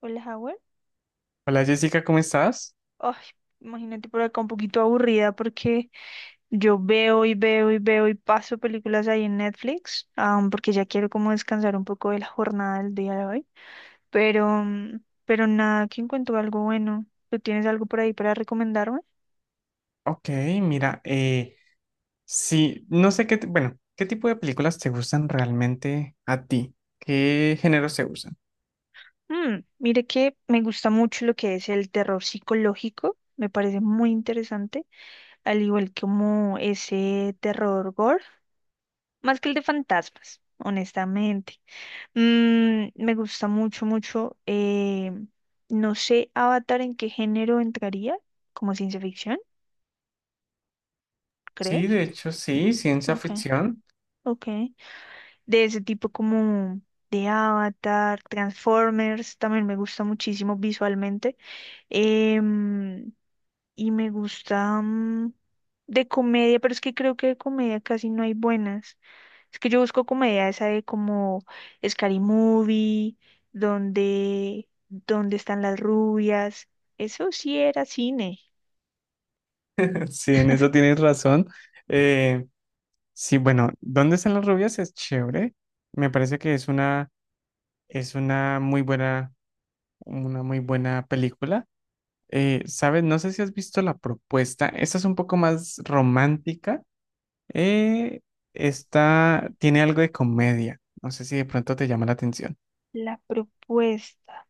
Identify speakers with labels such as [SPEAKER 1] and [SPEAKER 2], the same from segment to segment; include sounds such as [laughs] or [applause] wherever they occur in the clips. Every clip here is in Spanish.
[SPEAKER 1] Hola, Howard.
[SPEAKER 2] Hola Jessica, ¿cómo estás?
[SPEAKER 1] Ay, imagínate por acá un poquito aburrida porque yo veo y veo y veo y paso películas ahí en Netflix, porque ya quiero como descansar un poco de la jornada del día de hoy. Pero, mm, pero nada, que encuentro algo bueno. ¿Tú tienes algo por ahí para recomendarme?
[SPEAKER 2] Ok, mira, sí, no sé qué, t- bueno, ¿qué tipo de películas te gustan realmente a ti? ¿Qué géneros te gustan?
[SPEAKER 1] Mire que me gusta mucho lo que es el terror psicológico. Me parece muy interesante, al igual como ese terror gore, más que el de fantasmas, honestamente. Me gusta mucho, mucho. No sé, Avatar, ¿en qué género entraría? ¿Como ciencia ficción,
[SPEAKER 2] Sí,
[SPEAKER 1] crees?
[SPEAKER 2] de hecho, sí, ciencia
[SPEAKER 1] Ok,
[SPEAKER 2] ficción.
[SPEAKER 1] ok. De ese tipo como de Avatar, Transformers, también me gusta muchísimo visualmente. Em, y me gusta de comedia, pero es que creo que de comedia casi no hay buenas. Es que yo busco comedia esa de como Scary Movie, donde están las rubias. Eso sí era cine.
[SPEAKER 2] [laughs] Sí, en eso tienes razón. Eh, sí, bueno, ¿dónde están las rubias? Es chévere. Me parece que es una muy buena película. ¿Sabes? No sé si has visto La Propuesta. Esta es un poco más romántica. Eh, Está, tiene algo de comedia. No sé si de pronto te llama la atención.
[SPEAKER 1] La propuesta.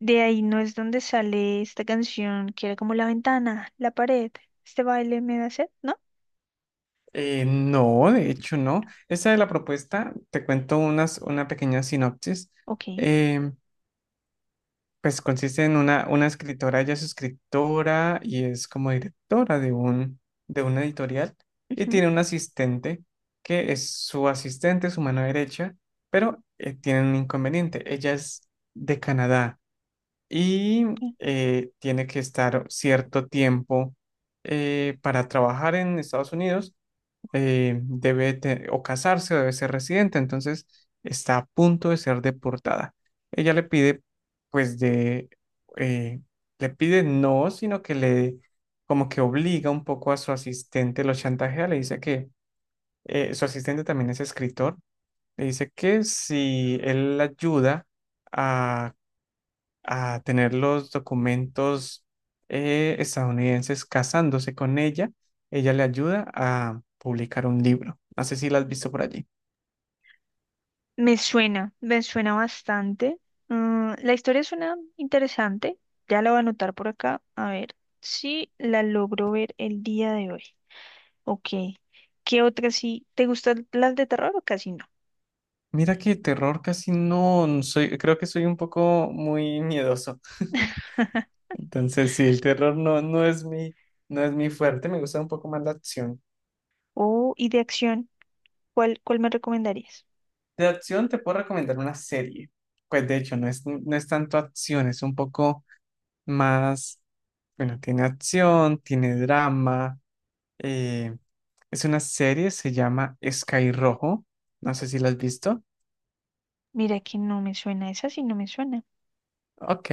[SPEAKER 1] De ahí no es donde sale esta canción que era como la ventana, la pared. Este baile me da sed, ¿no?
[SPEAKER 2] No, de hecho no. Esa es la propuesta. Te cuento una pequeña sinopsis.
[SPEAKER 1] Ok.
[SPEAKER 2] Eh, pues consiste en una escritora, ella es escritora y es como directora de de una editorial, y
[SPEAKER 1] Ujú.
[SPEAKER 2] tiene un asistente que es su asistente, su mano derecha, pero tiene un inconveniente. Ella es de Canadá, y tiene que estar cierto tiempo para trabajar en Estados Unidos. O casarse o debe ser residente, entonces está a punto de ser deportada. Ella le pide, pues de, eh, le pide no, sino que le, como que obliga un poco a su asistente, lo chantajea, le dice que su asistente también es escritor, le dice que si él la ayuda, a a tener los documentos estadounidenses casándose con ella, ella le ayuda a publicar un libro. No sé si la has visto por allí.
[SPEAKER 1] Me suena bastante. La historia suena interesante. Ya la voy a anotar por acá. A ver si la logro ver el día de hoy. Ok. ¿Qué otra sí? ¿Te gustan las de terror o casi no?
[SPEAKER 2] Mira que terror casi no, no soy, creo que soy un poco muy miedoso. [laughs]
[SPEAKER 1] [laughs]
[SPEAKER 2] Entonces, sí, el terror no, no es mi, no es mi fuerte, me gusta un poco más la acción.
[SPEAKER 1] Oh, y de acción, ¿cuál me recomendarías?
[SPEAKER 2] De acción te puedo recomendar una serie. Pues de hecho, no es tanto acción, es un poco más, bueno, tiene acción, tiene drama. Eh, es una serie, se llama Sky Rojo. No sé si la has visto.
[SPEAKER 1] Mira que no me suena, esa sí no me suena.
[SPEAKER 2] Ok,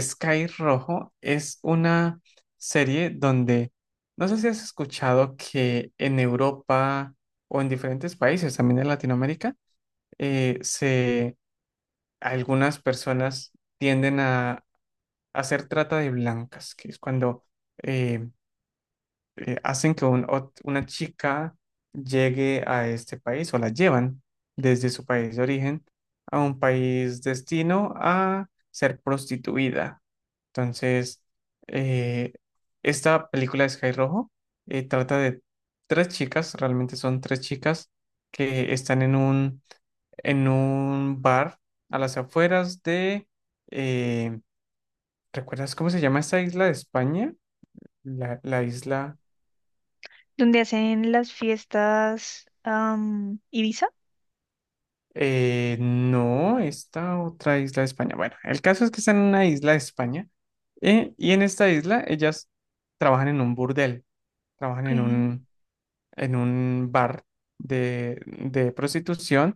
[SPEAKER 2] Sky Rojo es una serie donde, no sé si has escuchado que en Europa o en diferentes países, también en Latinoamérica, eh, se, algunas personas tienden a hacer trata de blancas, que es cuando eh, hacen que un ot- una chica llegue a este país o la llevan desde su país de origen a un país destino a ser prostituida. Entonces, eh, esta película de Sky Rojo trata de tres chicas, realmente son tres chicas que están en en un bar a las afueras de... eh, ¿recuerdas cómo se llama esta isla de España? La isla...
[SPEAKER 1] ¿Dónde hacen las fiestas Ibiza?
[SPEAKER 2] No, esta otra isla de España. Bueno, el caso es que está en una isla de España, y en esta isla ellas trabajan en un burdel, trabajan
[SPEAKER 1] Ok,
[SPEAKER 2] en en un bar de prostitución,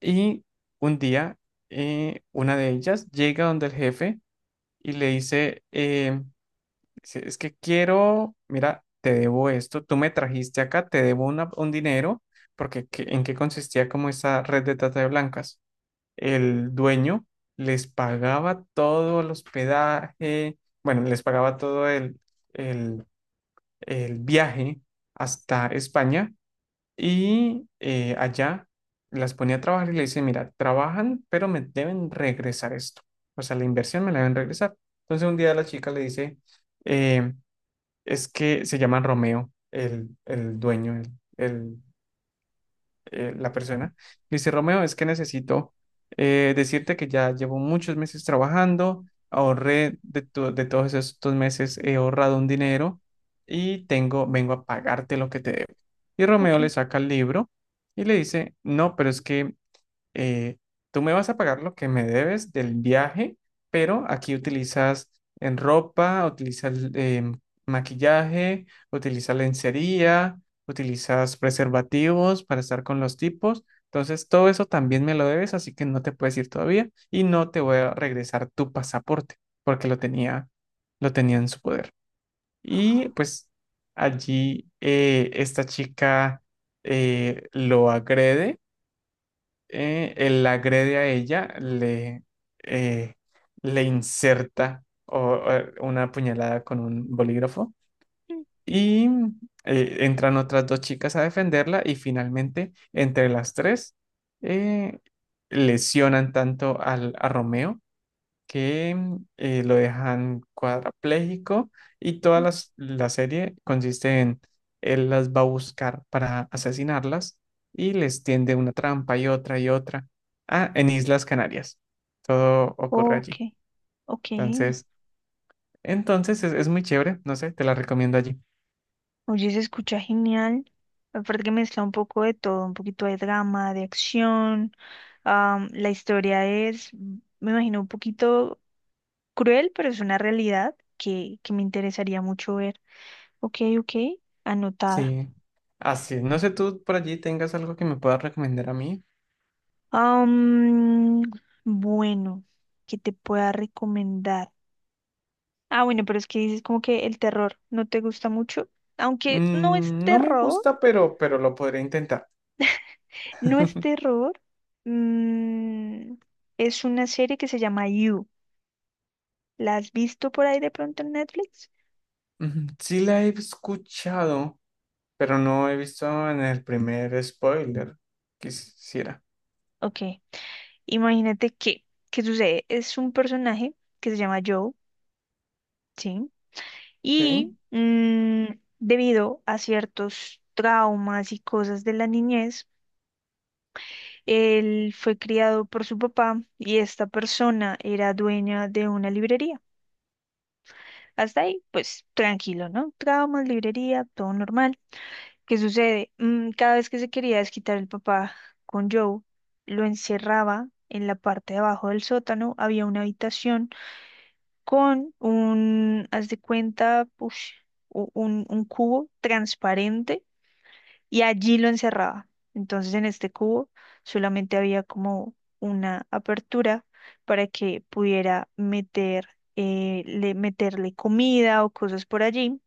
[SPEAKER 2] y un día una de ellas llega donde el jefe y le dice, dice, es que quiero, mira, te debo esto, tú me trajiste acá, te debo un dinero, porque ¿en qué consistía como esa red de trata de blancas? El dueño les pagaba todo el hospedaje, bueno, les pagaba el- el viaje hasta España, y allá las ponía a trabajar y le dice, mira, trabajan, pero me deben regresar esto. O sea, la inversión me la deben regresar. Entonces un día la chica le dice, eh, es que se llama Romeo, el dueño, el la persona. Me dice, Romeo, es que necesito decirte que ya llevo muchos meses trabajando, de todos estos meses, he ahorrado un dinero y tengo, vengo a pagarte lo que te debo. Y Romeo
[SPEAKER 1] ok.
[SPEAKER 2] le saca el libro y le dice, no, pero es que eh, tú me vas a pagar lo que me debes del viaje, pero aquí utilizas en ropa, utilizas maquillaje, utilizas lencería, utilizas preservativos para estar con los tipos. Entonces, todo eso también me lo debes, así que no te puedes ir todavía y no te voy a regresar tu pasaporte porque lo tenía en su poder. Y pues allí esta chica lo agrede, él la agrede a ella, eh, le inserta o una puñalada con un bolígrafo,
[SPEAKER 1] Mm,
[SPEAKER 2] y entran otras dos chicas a defenderla y finalmente entre las tres eh, lesionan tanto al, a Romeo que lo dejan cuadrapléjico, y
[SPEAKER 1] mm.
[SPEAKER 2] la serie consiste en él las va a buscar para asesinarlas y les tiende una trampa y otra y otra. Ah, en Islas Canarias. Todo ocurre
[SPEAKER 1] Ok,
[SPEAKER 2] allí.
[SPEAKER 1] ok.
[SPEAKER 2] Entonces, entonces es muy chévere, no sé, te la recomiendo allí.
[SPEAKER 1] Oye, se escucha genial. Aparte que mezcla un poco de todo, un poquito de drama, de acción. La historia es, me imagino, un poquito cruel, pero es una realidad que me interesaría mucho ver. Ok, ok, anotada.
[SPEAKER 2] Sí. Así, no sé, tú por allí tengas algo que me puedas recomendar a mí.
[SPEAKER 1] Am, bueno, que te pueda recomendar. Ah, bueno, pero es que dices como que el terror no te gusta mucho. Aunque no es
[SPEAKER 2] Mm, no me
[SPEAKER 1] terror,
[SPEAKER 2] gusta, pero lo podré intentar.
[SPEAKER 1] no es terror. mm, es una serie que se llama You. ¿La has visto por ahí de pronto en Netflix?
[SPEAKER 2] Ujú, sí la he escuchado, pero no he visto en el primer spoiler. Quisiera.
[SPEAKER 1] Ok, imagínate que, ¿qué sucede? Es un personaje que se llama Joe, ¿sí?
[SPEAKER 2] Ok,
[SPEAKER 1] Y mm, Debido a ciertos traumas y cosas de la niñez, él fue criado por su papá y esta persona era dueña de una librería. Hasta ahí, pues tranquilo, ¿no? Traumas, librería, todo normal. ¿Qué sucede? Cada vez que se quería desquitar el papá con Joe, lo encerraba en la parte de abajo del sótano. Había una habitación con un, haz de cuenta, push, un cubo transparente y allí lo encerraba. Entonces en este cubo solamente había como una apertura para que pudiera meter, meterle comida o cosas por allí,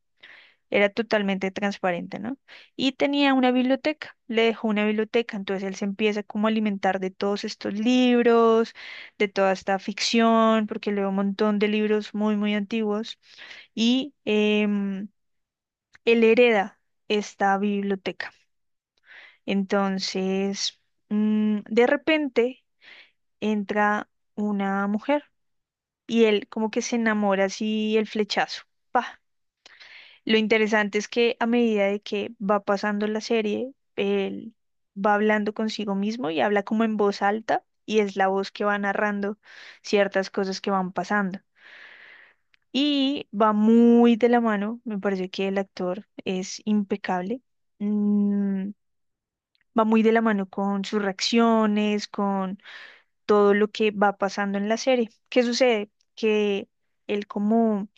[SPEAKER 1] era totalmente transparente, ¿no? Y tenía una biblioteca, le dejó una biblioteca, entonces él se empieza como a alimentar de todos estos libros, de toda esta ficción, porque leo un montón de libros muy, muy antiguos, y él hereda esta biblioteca. Entonces, de repente entra una mujer y él como que se enamora así el flechazo. ¡Pa! Lo interesante es que a medida de que va pasando la serie, él va hablando consigo mismo y habla como en voz alta y es la voz que va narrando ciertas cosas que van pasando. Y va muy de la mano, me parece que el actor es impecable. mm, Va muy de la mano con sus reacciones, con todo lo que va pasando en la serie. ¿Qué sucede? Que él como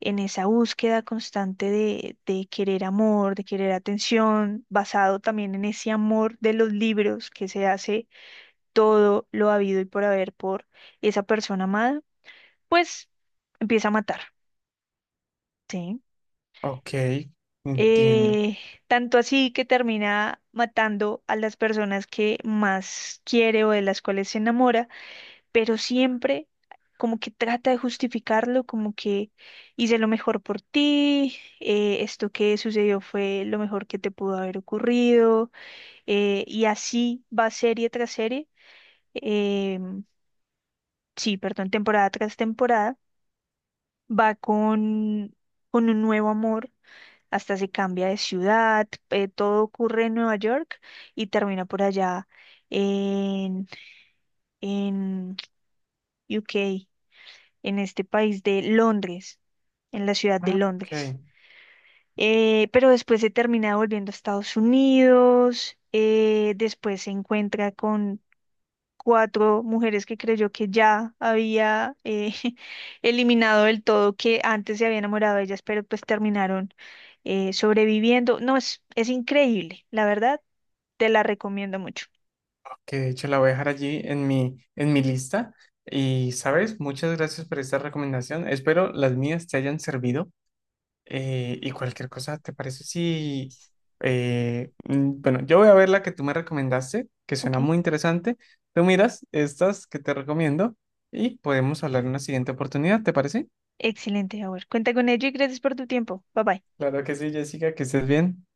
[SPEAKER 1] en esa búsqueda constante de querer amor, de querer atención, basado también en ese amor de los libros que se hace todo lo habido y por haber por esa persona amada, pues empieza a matar, ¿sí?
[SPEAKER 2] ok, entiendo.
[SPEAKER 1] Eh, Tanto así que termina matando a las personas que más quiere o de las cuales se enamora, pero siempre como que trata de justificarlo, como que hice lo mejor por ti, esto que sucedió fue lo mejor que te pudo haber ocurrido, y así va serie tras serie, eh, sí, perdón, temporada tras temporada, va con, un nuevo amor. Hasta se cambia de ciudad, todo ocurre en Nueva York y termina por allá en, en UK. En este país de Londres, en la ciudad de
[SPEAKER 2] Ah, ok,
[SPEAKER 1] Londres. Pero después se termina volviendo a Estados Unidos, después se encuentra con cuatro mujeres que creyó que ya había [laughs] eliminado del todo, que antes se había enamorado de ellas, pero pues terminaron sobreviviendo. No, es, increíble, la verdad, te la recomiendo mucho.
[SPEAKER 2] ok, de hecho la voy a dejar allí en en mi lista. Y, ¿sabes? Muchas gracias por esta recomendación. Espero las mías te hayan servido. Y cualquier cosa, ¿te parece si... bueno, yo voy a ver la que tú me recomendaste, que
[SPEAKER 1] Ok,
[SPEAKER 2] suena muy interesante. Tú miras estas que te recomiendo y podemos hablar en una siguiente oportunidad, ¿te parece?
[SPEAKER 1] excelente, Howard. Cuenta con ello y gracias por tu tiempo. Bye bye.
[SPEAKER 2] Claro que sí, Jessica, que estés bien.